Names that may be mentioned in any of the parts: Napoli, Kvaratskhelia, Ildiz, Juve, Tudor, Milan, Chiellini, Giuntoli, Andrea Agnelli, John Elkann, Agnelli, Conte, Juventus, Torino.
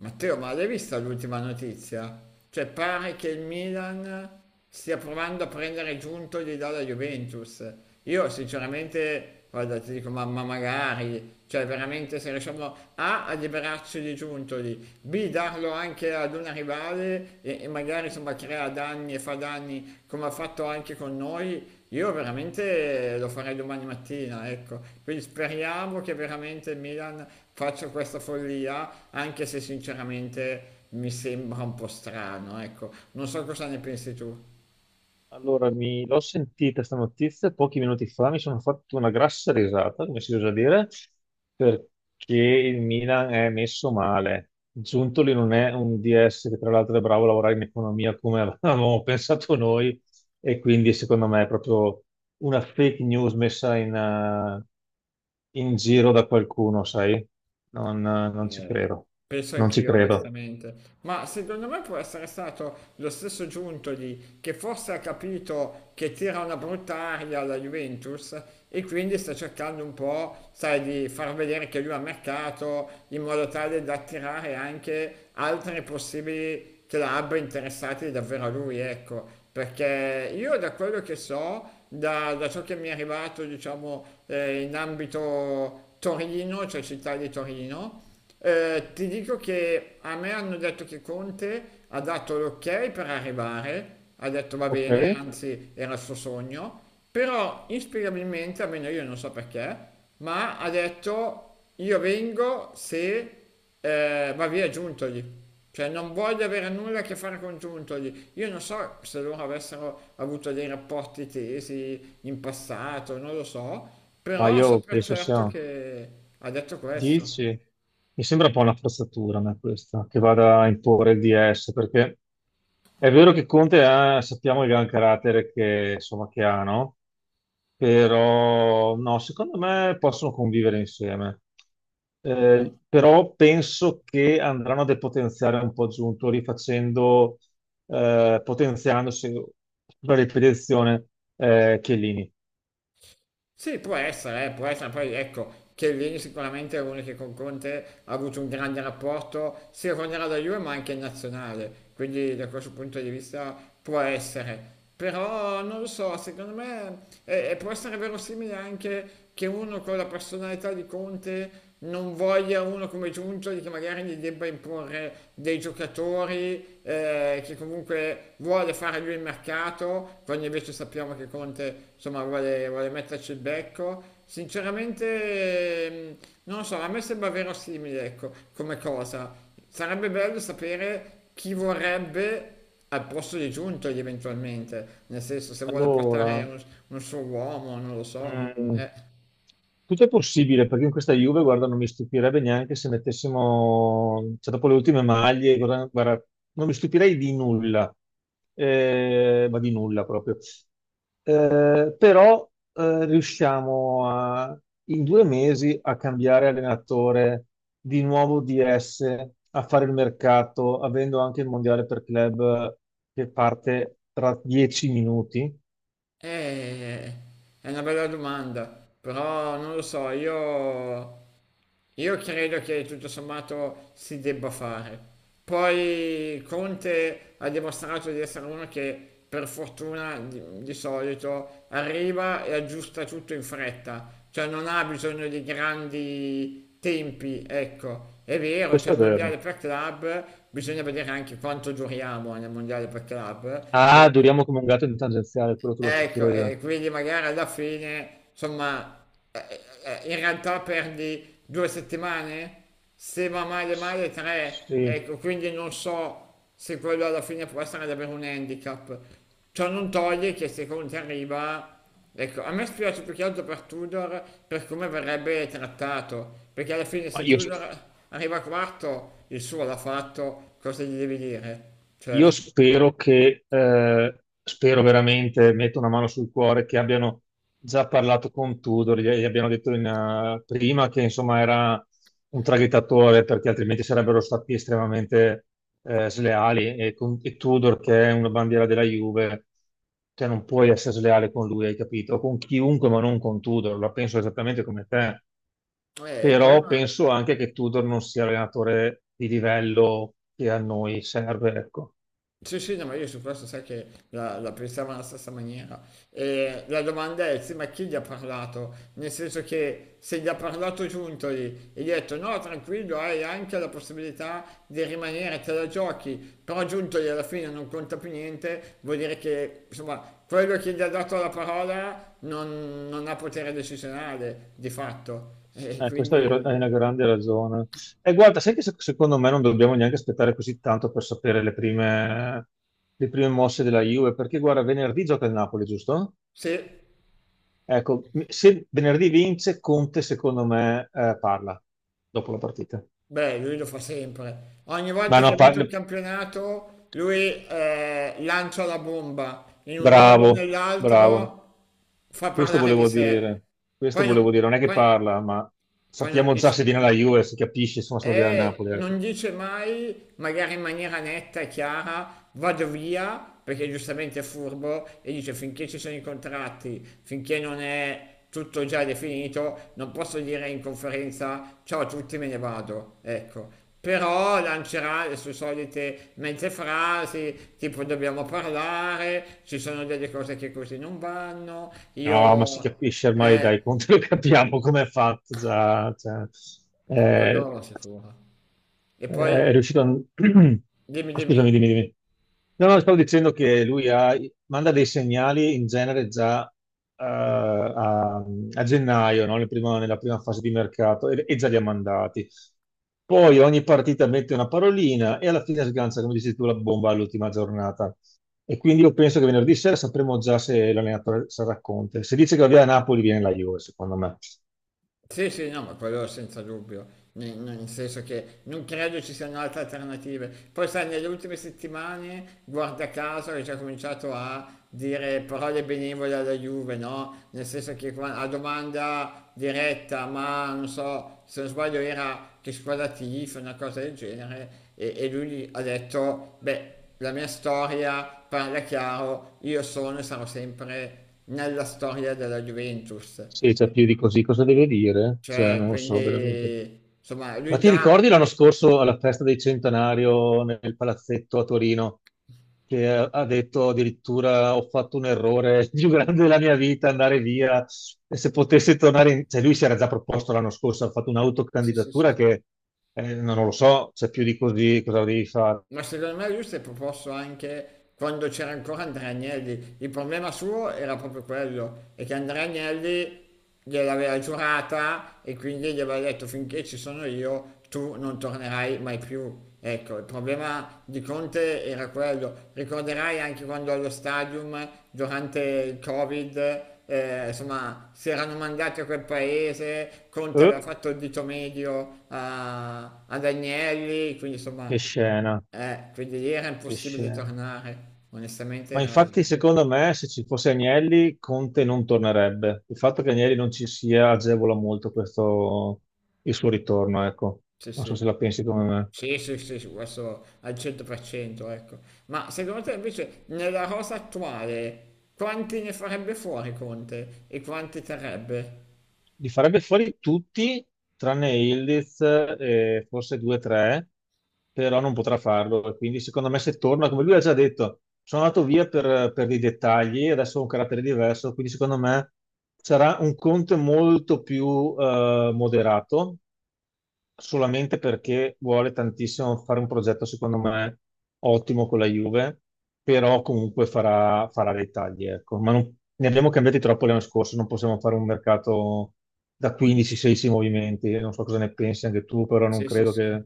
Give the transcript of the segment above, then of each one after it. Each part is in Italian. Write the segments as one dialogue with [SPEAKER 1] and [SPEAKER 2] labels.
[SPEAKER 1] Matteo, ma l'hai vista l'ultima notizia? Cioè, pare che il Milan stia provando a prendere Giuntoli dalla Juventus. Io sinceramente, guarda, ti dico, mamma magari, cioè veramente se riusciamo A, a liberarci di Giuntoli, B, darlo anche ad una rivale e magari insomma crea danni e fa danni come ha fatto anche con noi, io veramente lo farei domani mattina, ecco. Quindi speriamo che veramente il Milan faccia questa follia, anche se sinceramente mi sembra un po' strano, ecco. Non so cosa ne pensi tu.
[SPEAKER 2] Allora, mi l'ho sentita sta notizia pochi minuti fa, mi sono fatto una grassa risata, come si usa dire, perché il Milan è messo male. Giuntoli non è un DS che tra l'altro è bravo a lavorare in economia come avevamo pensato noi e quindi secondo me è proprio una fake news messa in giro da qualcuno, sai? Non ci
[SPEAKER 1] Eh,
[SPEAKER 2] credo,
[SPEAKER 1] penso
[SPEAKER 2] non ci
[SPEAKER 1] anch'io,
[SPEAKER 2] credo.
[SPEAKER 1] onestamente. Ma secondo me può essere stato lo stesso Giuntoli che forse ha capito che tira una brutta aria alla Juventus e quindi sta cercando un po', sai, di far vedere che lui ha mercato in modo tale da attirare anche altri possibili club interessati davvero a lui, ecco. Perché io da quello che so, da ciò che mi è arrivato, diciamo, in ambito Torino, cioè città di Torino, ti dico che a me hanno detto che Conte ha dato l'ok per arrivare, ha detto va
[SPEAKER 2] Ok,
[SPEAKER 1] bene, anzi era il suo sogno, però inspiegabilmente, almeno io non so perché, ma ha detto io vengo se va via Giuntoli. Cioè non voglio avere nulla a che fare con Giuntoli. Io non so se loro avessero avuto dei rapporti tesi in passato, non lo so,
[SPEAKER 2] ma
[SPEAKER 1] però so
[SPEAKER 2] io
[SPEAKER 1] per
[SPEAKER 2] penso
[SPEAKER 1] certo
[SPEAKER 2] sia
[SPEAKER 1] che ha detto questo.
[SPEAKER 2] 10? Mi sembra un po' una forzatura a me questa, che vada a imporre il DS, perché è vero che Conte ha, sappiamo il gran carattere che, insomma, che ha, no? Però no, secondo me possono convivere insieme. Però penso che andranno a depotenziare un po' Giunto, rifacendo, potenziandosi per ripetizione, Chiellini.
[SPEAKER 1] Sì, può essere, poi ecco, Chiellini sicuramente è uno che con Conte ha avuto un grande rapporto sia quando era da Juve ma anche in nazionale, quindi da questo punto di vista può essere. Però non lo so, secondo me può essere verosimile anche che uno con la personalità di Conte non voglia uno come Giuntoli che magari gli debba imporre dei giocatori che comunque vuole fare lui il mercato, quando invece sappiamo che Conte insomma vuole metterci il becco. Sinceramente, non lo so, a me sembra verosimile, ecco, come cosa. Sarebbe bello sapere chi vorrebbe al posto di Giuntoli eventualmente, nel senso se vuole portare
[SPEAKER 2] Allora,
[SPEAKER 1] un suo uomo, non lo so.
[SPEAKER 2] Mm, tutto è possibile perché in questa Juve, guarda, non mi stupirebbe neanche se mettessimo, cioè dopo le ultime maglie, guarda, guarda, non mi stupirei di nulla. Ma di nulla proprio. Però riusciamo in 2 mesi a cambiare allenatore, di nuovo DS, a fare il mercato, avendo anche il mondiale per club che parte tra 10 minuti.
[SPEAKER 1] Eh, è una bella domanda, però non lo so, io credo che tutto sommato si debba fare. Poi Conte ha dimostrato di essere uno che per fortuna di solito arriva e aggiusta tutto in fretta, cioè non ha bisogno di grandi tempi, ecco. È vero, c'è
[SPEAKER 2] Questo è
[SPEAKER 1] il
[SPEAKER 2] vero.
[SPEAKER 1] mondiale per club, bisogna vedere anche quanto duriamo nel mondiale per club.
[SPEAKER 2] Ah, duriamo come un gatto in tangenziale, quello te lo
[SPEAKER 1] Ecco,
[SPEAKER 2] assicuro
[SPEAKER 1] e
[SPEAKER 2] io.
[SPEAKER 1] quindi magari alla fine, insomma, eh, in realtà perdi due settimane, se va male
[SPEAKER 2] S-
[SPEAKER 1] male tre,
[SPEAKER 2] Sì,
[SPEAKER 1] ecco, quindi non so se quello alla fine può essere davvero un handicap. Ciò non toglie che se Conte arriva, ecco, a me spiace più che altro per Tudor, per come verrebbe trattato, perché alla fine
[SPEAKER 2] ma
[SPEAKER 1] se
[SPEAKER 2] io,
[SPEAKER 1] Tudor arriva quarto, il suo l'ha fatto, cosa gli devi dire? Cioè,
[SPEAKER 2] io spero che, spero veramente, metto una mano sul cuore, che abbiano già parlato con Tudor, gli abbiano detto prima che insomma era un traghettatore, perché altrimenti sarebbero stati estremamente sleali. E Tudor, che è una bandiera della Juve, cioè non puoi essere sleale con lui, hai capito? Con chiunque, ma non con Tudor, la penso esattamente come te.
[SPEAKER 1] il
[SPEAKER 2] Però
[SPEAKER 1] problema.
[SPEAKER 2] penso anche che Tudor non sia l'allenatore di livello che a noi serve, ecco.
[SPEAKER 1] Sì, sì, no, ma io su questo sai che la pensavo alla stessa maniera. E la domanda è, sì, ma chi gli ha parlato? Nel senso che se gli ha parlato Giuntoli e gli ha detto no, tranquillo, hai anche la possibilità di rimanere, te la giochi, però Giuntoli alla fine non conta più niente, vuol dire che, insomma, quello che gli ha dato la parola non ha potere decisionale, di fatto. E
[SPEAKER 2] Questa è una
[SPEAKER 1] quindi,
[SPEAKER 2] grande ragione. E guarda, sai che secondo me non dobbiamo neanche aspettare così tanto per sapere le prime mosse della Juve, perché guarda, venerdì gioca il Napoli, giusto?
[SPEAKER 1] sì.
[SPEAKER 2] Ecco, se venerdì vince, Conte secondo me parla dopo la partita.
[SPEAKER 1] Beh, lui lo fa sempre. Ogni
[SPEAKER 2] Ma
[SPEAKER 1] volta che
[SPEAKER 2] no,
[SPEAKER 1] ha vinto il campionato, lui lancia la bomba. In un modo o
[SPEAKER 2] bravo, bravo.
[SPEAKER 1] nell'altro fa
[SPEAKER 2] Questo
[SPEAKER 1] parlare di
[SPEAKER 2] volevo
[SPEAKER 1] sé.
[SPEAKER 2] dire, questo
[SPEAKER 1] Poi non,
[SPEAKER 2] volevo dire, non è che
[SPEAKER 1] poi,
[SPEAKER 2] parla, ma
[SPEAKER 1] Poi non
[SPEAKER 2] sappiamo già
[SPEAKER 1] dici
[SPEAKER 2] se viene alla Juve, si capisce, insomma, se viene a
[SPEAKER 1] e
[SPEAKER 2] Napoli. Ecco.
[SPEAKER 1] non dice mai, magari in maniera netta e chiara, vado via, perché giustamente è furbo, e dice finché ci sono i contratti, finché non è tutto già definito, non posso dire in conferenza ciao a tutti, me ne vado. Ecco. Però lancerà le sue solite mezze frasi, tipo dobbiamo parlare, ci sono delle cose che così non vanno,
[SPEAKER 2] No, ma si
[SPEAKER 1] io...
[SPEAKER 2] capisce ormai,
[SPEAKER 1] Eh,
[SPEAKER 2] dai, conto lo capiamo come è fatto già. Cioè, eh,
[SPEAKER 1] quello sicuro. E poi,
[SPEAKER 2] eh, è riuscito a...
[SPEAKER 1] dimmi,
[SPEAKER 2] Scusami,
[SPEAKER 1] dimmi.
[SPEAKER 2] dimmi, dimmi. No, no, stavo dicendo che lui manda dei segnali in genere già a, gennaio, no? Nella prima fase di mercato, e già li ha mandati. Poi ogni partita mette una parolina e alla fine sgancia, come dici tu, la bomba all'ultima giornata. E quindi io penso che venerdì sera sapremo già se l'allenatore sarà Conte. Se dice che va via Napoli, viene la Juve, secondo me.
[SPEAKER 1] Sì, sì, no, ma quello senza dubbio, nel senso che non credo ci siano altre alternative. Poi sai, nelle ultime settimane, guarda caso, hai già cominciato a dire parole benevole alla Juve, no? Nel senso che a domanda diretta, ma non so, se non sbaglio era che squadra tifa, una cosa del genere, e lui ha detto, beh, la mia storia parla chiaro, io sono e sarò sempre nella storia della Juventus.
[SPEAKER 2] Se c'è più di così, cosa deve dire? Cioè,
[SPEAKER 1] Cioè,
[SPEAKER 2] non lo so veramente.
[SPEAKER 1] quindi, insomma,
[SPEAKER 2] Ma
[SPEAKER 1] lui
[SPEAKER 2] ti
[SPEAKER 1] già...
[SPEAKER 2] ricordi l'anno scorso alla festa del centenario nel palazzetto a Torino che ha detto addirittura ho fatto un errore più grande della mia vita andare via e se potessi tornare cioè lui si era già proposto l'anno scorso, ha fatto
[SPEAKER 1] Sì, sì, sì,
[SPEAKER 2] un'autocandidatura
[SPEAKER 1] sì.
[SPEAKER 2] che non lo so, c'è più di così, cosa devi fare?
[SPEAKER 1] Ma secondo me lui si è proposto anche quando c'era ancora Andrea Agnelli. Il problema suo era proprio quello, è che Andrea Agnelli gliel'aveva giurata e quindi gli aveva detto finché ci sono io tu non tornerai mai più. Ecco, il problema di Conte era quello. Ricorderai anche quando allo stadium, durante il Covid, insomma, si erano mandati a quel paese, Conte aveva
[SPEAKER 2] Eh,
[SPEAKER 1] fatto il dito medio ad Agnelli, quindi
[SPEAKER 2] che
[SPEAKER 1] insomma
[SPEAKER 2] scena,
[SPEAKER 1] quindi lì era
[SPEAKER 2] che
[SPEAKER 1] impossibile
[SPEAKER 2] scena.
[SPEAKER 1] tornare, onestamente
[SPEAKER 2] Ma
[SPEAKER 1] era...
[SPEAKER 2] infatti,
[SPEAKER 1] Mm.
[SPEAKER 2] secondo me, se ci fosse Agnelli, Conte non tornerebbe. Il fatto che Agnelli non ci sia agevola molto questo, il suo ritorno, ecco.
[SPEAKER 1] Sì,
[SPEAKER 2] Non so se
[SPEAKER 1] sì,
[SPEAKER 2] la pensi come me.
[SPEAKER 1] sì, sì, sì, sì, questo al 100%, ecco. Ma secondo te invece nella rosa attuale quanti ne farebbe fuori Conte e quanti terrebbe?
[SPEAKER 2] Li farebbe fuori tutti, tranne Ildiz e forse due o tre, però non potrà farlo. E quindi, secondo me, se torna, come lui ha già detto, sono andato via per dei dettagli, adesso ho un carattere diverso, quindi secondo me sarà un Conte molto più moderato solamente perché vuole tantissimo fare un progetto, secondo me, ottimo con la Juve, però comunque farà, farà dei tagli, ecco. Ma ne abbiamo cambiati troppo l'anno scorso, non possiamo fare un mercato da 15-16 movimenti, non so cosa ne pensi anche tu, però non
[SPEAKER 1] Sì, sì,
[SPEAKER 2] credo
[SPEAKER 1] sì.
[SPEAKER 2] che.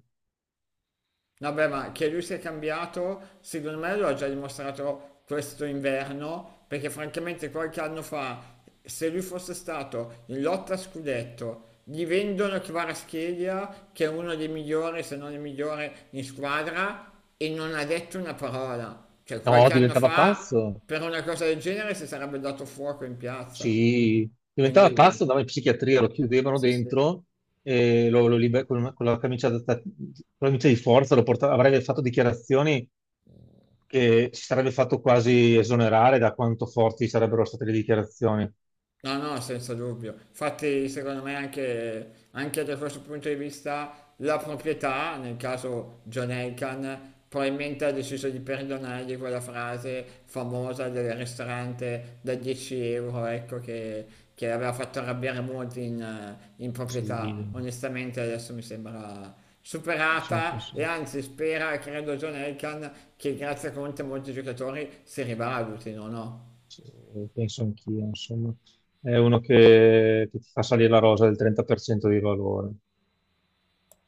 [SPEAKER 1] Vabbè, ma che lui sia cambiato, secondo me lo ha già dimostrato questo inverno, perché francamente qualche anno fa, se lui fosse stato in lotta a scudetto, gli vendono Kvaratskhelia, che è uno dei migliori, se non il migliore in squadra, e non ha detto una parola. Cioè,
[SPEAKER 2] No,
[SPEAKER 1] qualche anno
[SPEAKER 2] diventava
[SPEAKER 1] fa,
[SPEAKER 2] pazzo.
[SPEAKER 1] per una cosa del genere, si sarebbe dato fuoco in piazza.
[SPEAKER 2] Sì, diventava pazzo,
[SPEAKER 1] Quindi,
[SPEAKER 2] andava in psichiatria, lo chiudevano
[SPEAKER 1] sì, sì.
[SPEAKER 2] dentro e con la camicia, con la camicia di forza avrebbe fatto dichiarazioni che si sarebbe fatto quasi esonerare da quanto forti sarebbero state le dichiarazioni.
[SPEAKER 1] No, no, senza dubbio. Infatti, secondo me, anche, anche da questo punto di vista, la proprietà, nel caso John Elkann, probabilmente ha deciso di perdonargli quella frase famosa del ristorante da 10 euro, ecco, che aveva fatto arrabbiare molti in
[SPEAKER 2] Sì,
[SPEAKER 1] proprietà. Onestamente, adesso mi sembra superata
[SPEAKER 2] penso,
[SPEAKER 1] e anzi spera, credo, John Elkann, che grazie a Conte molti giocatori si rivalutino, no? No?
[SPEAKER 2] sì, penso anch'io, insomma. È uno che ti fa salire la rosa del 30% di valore.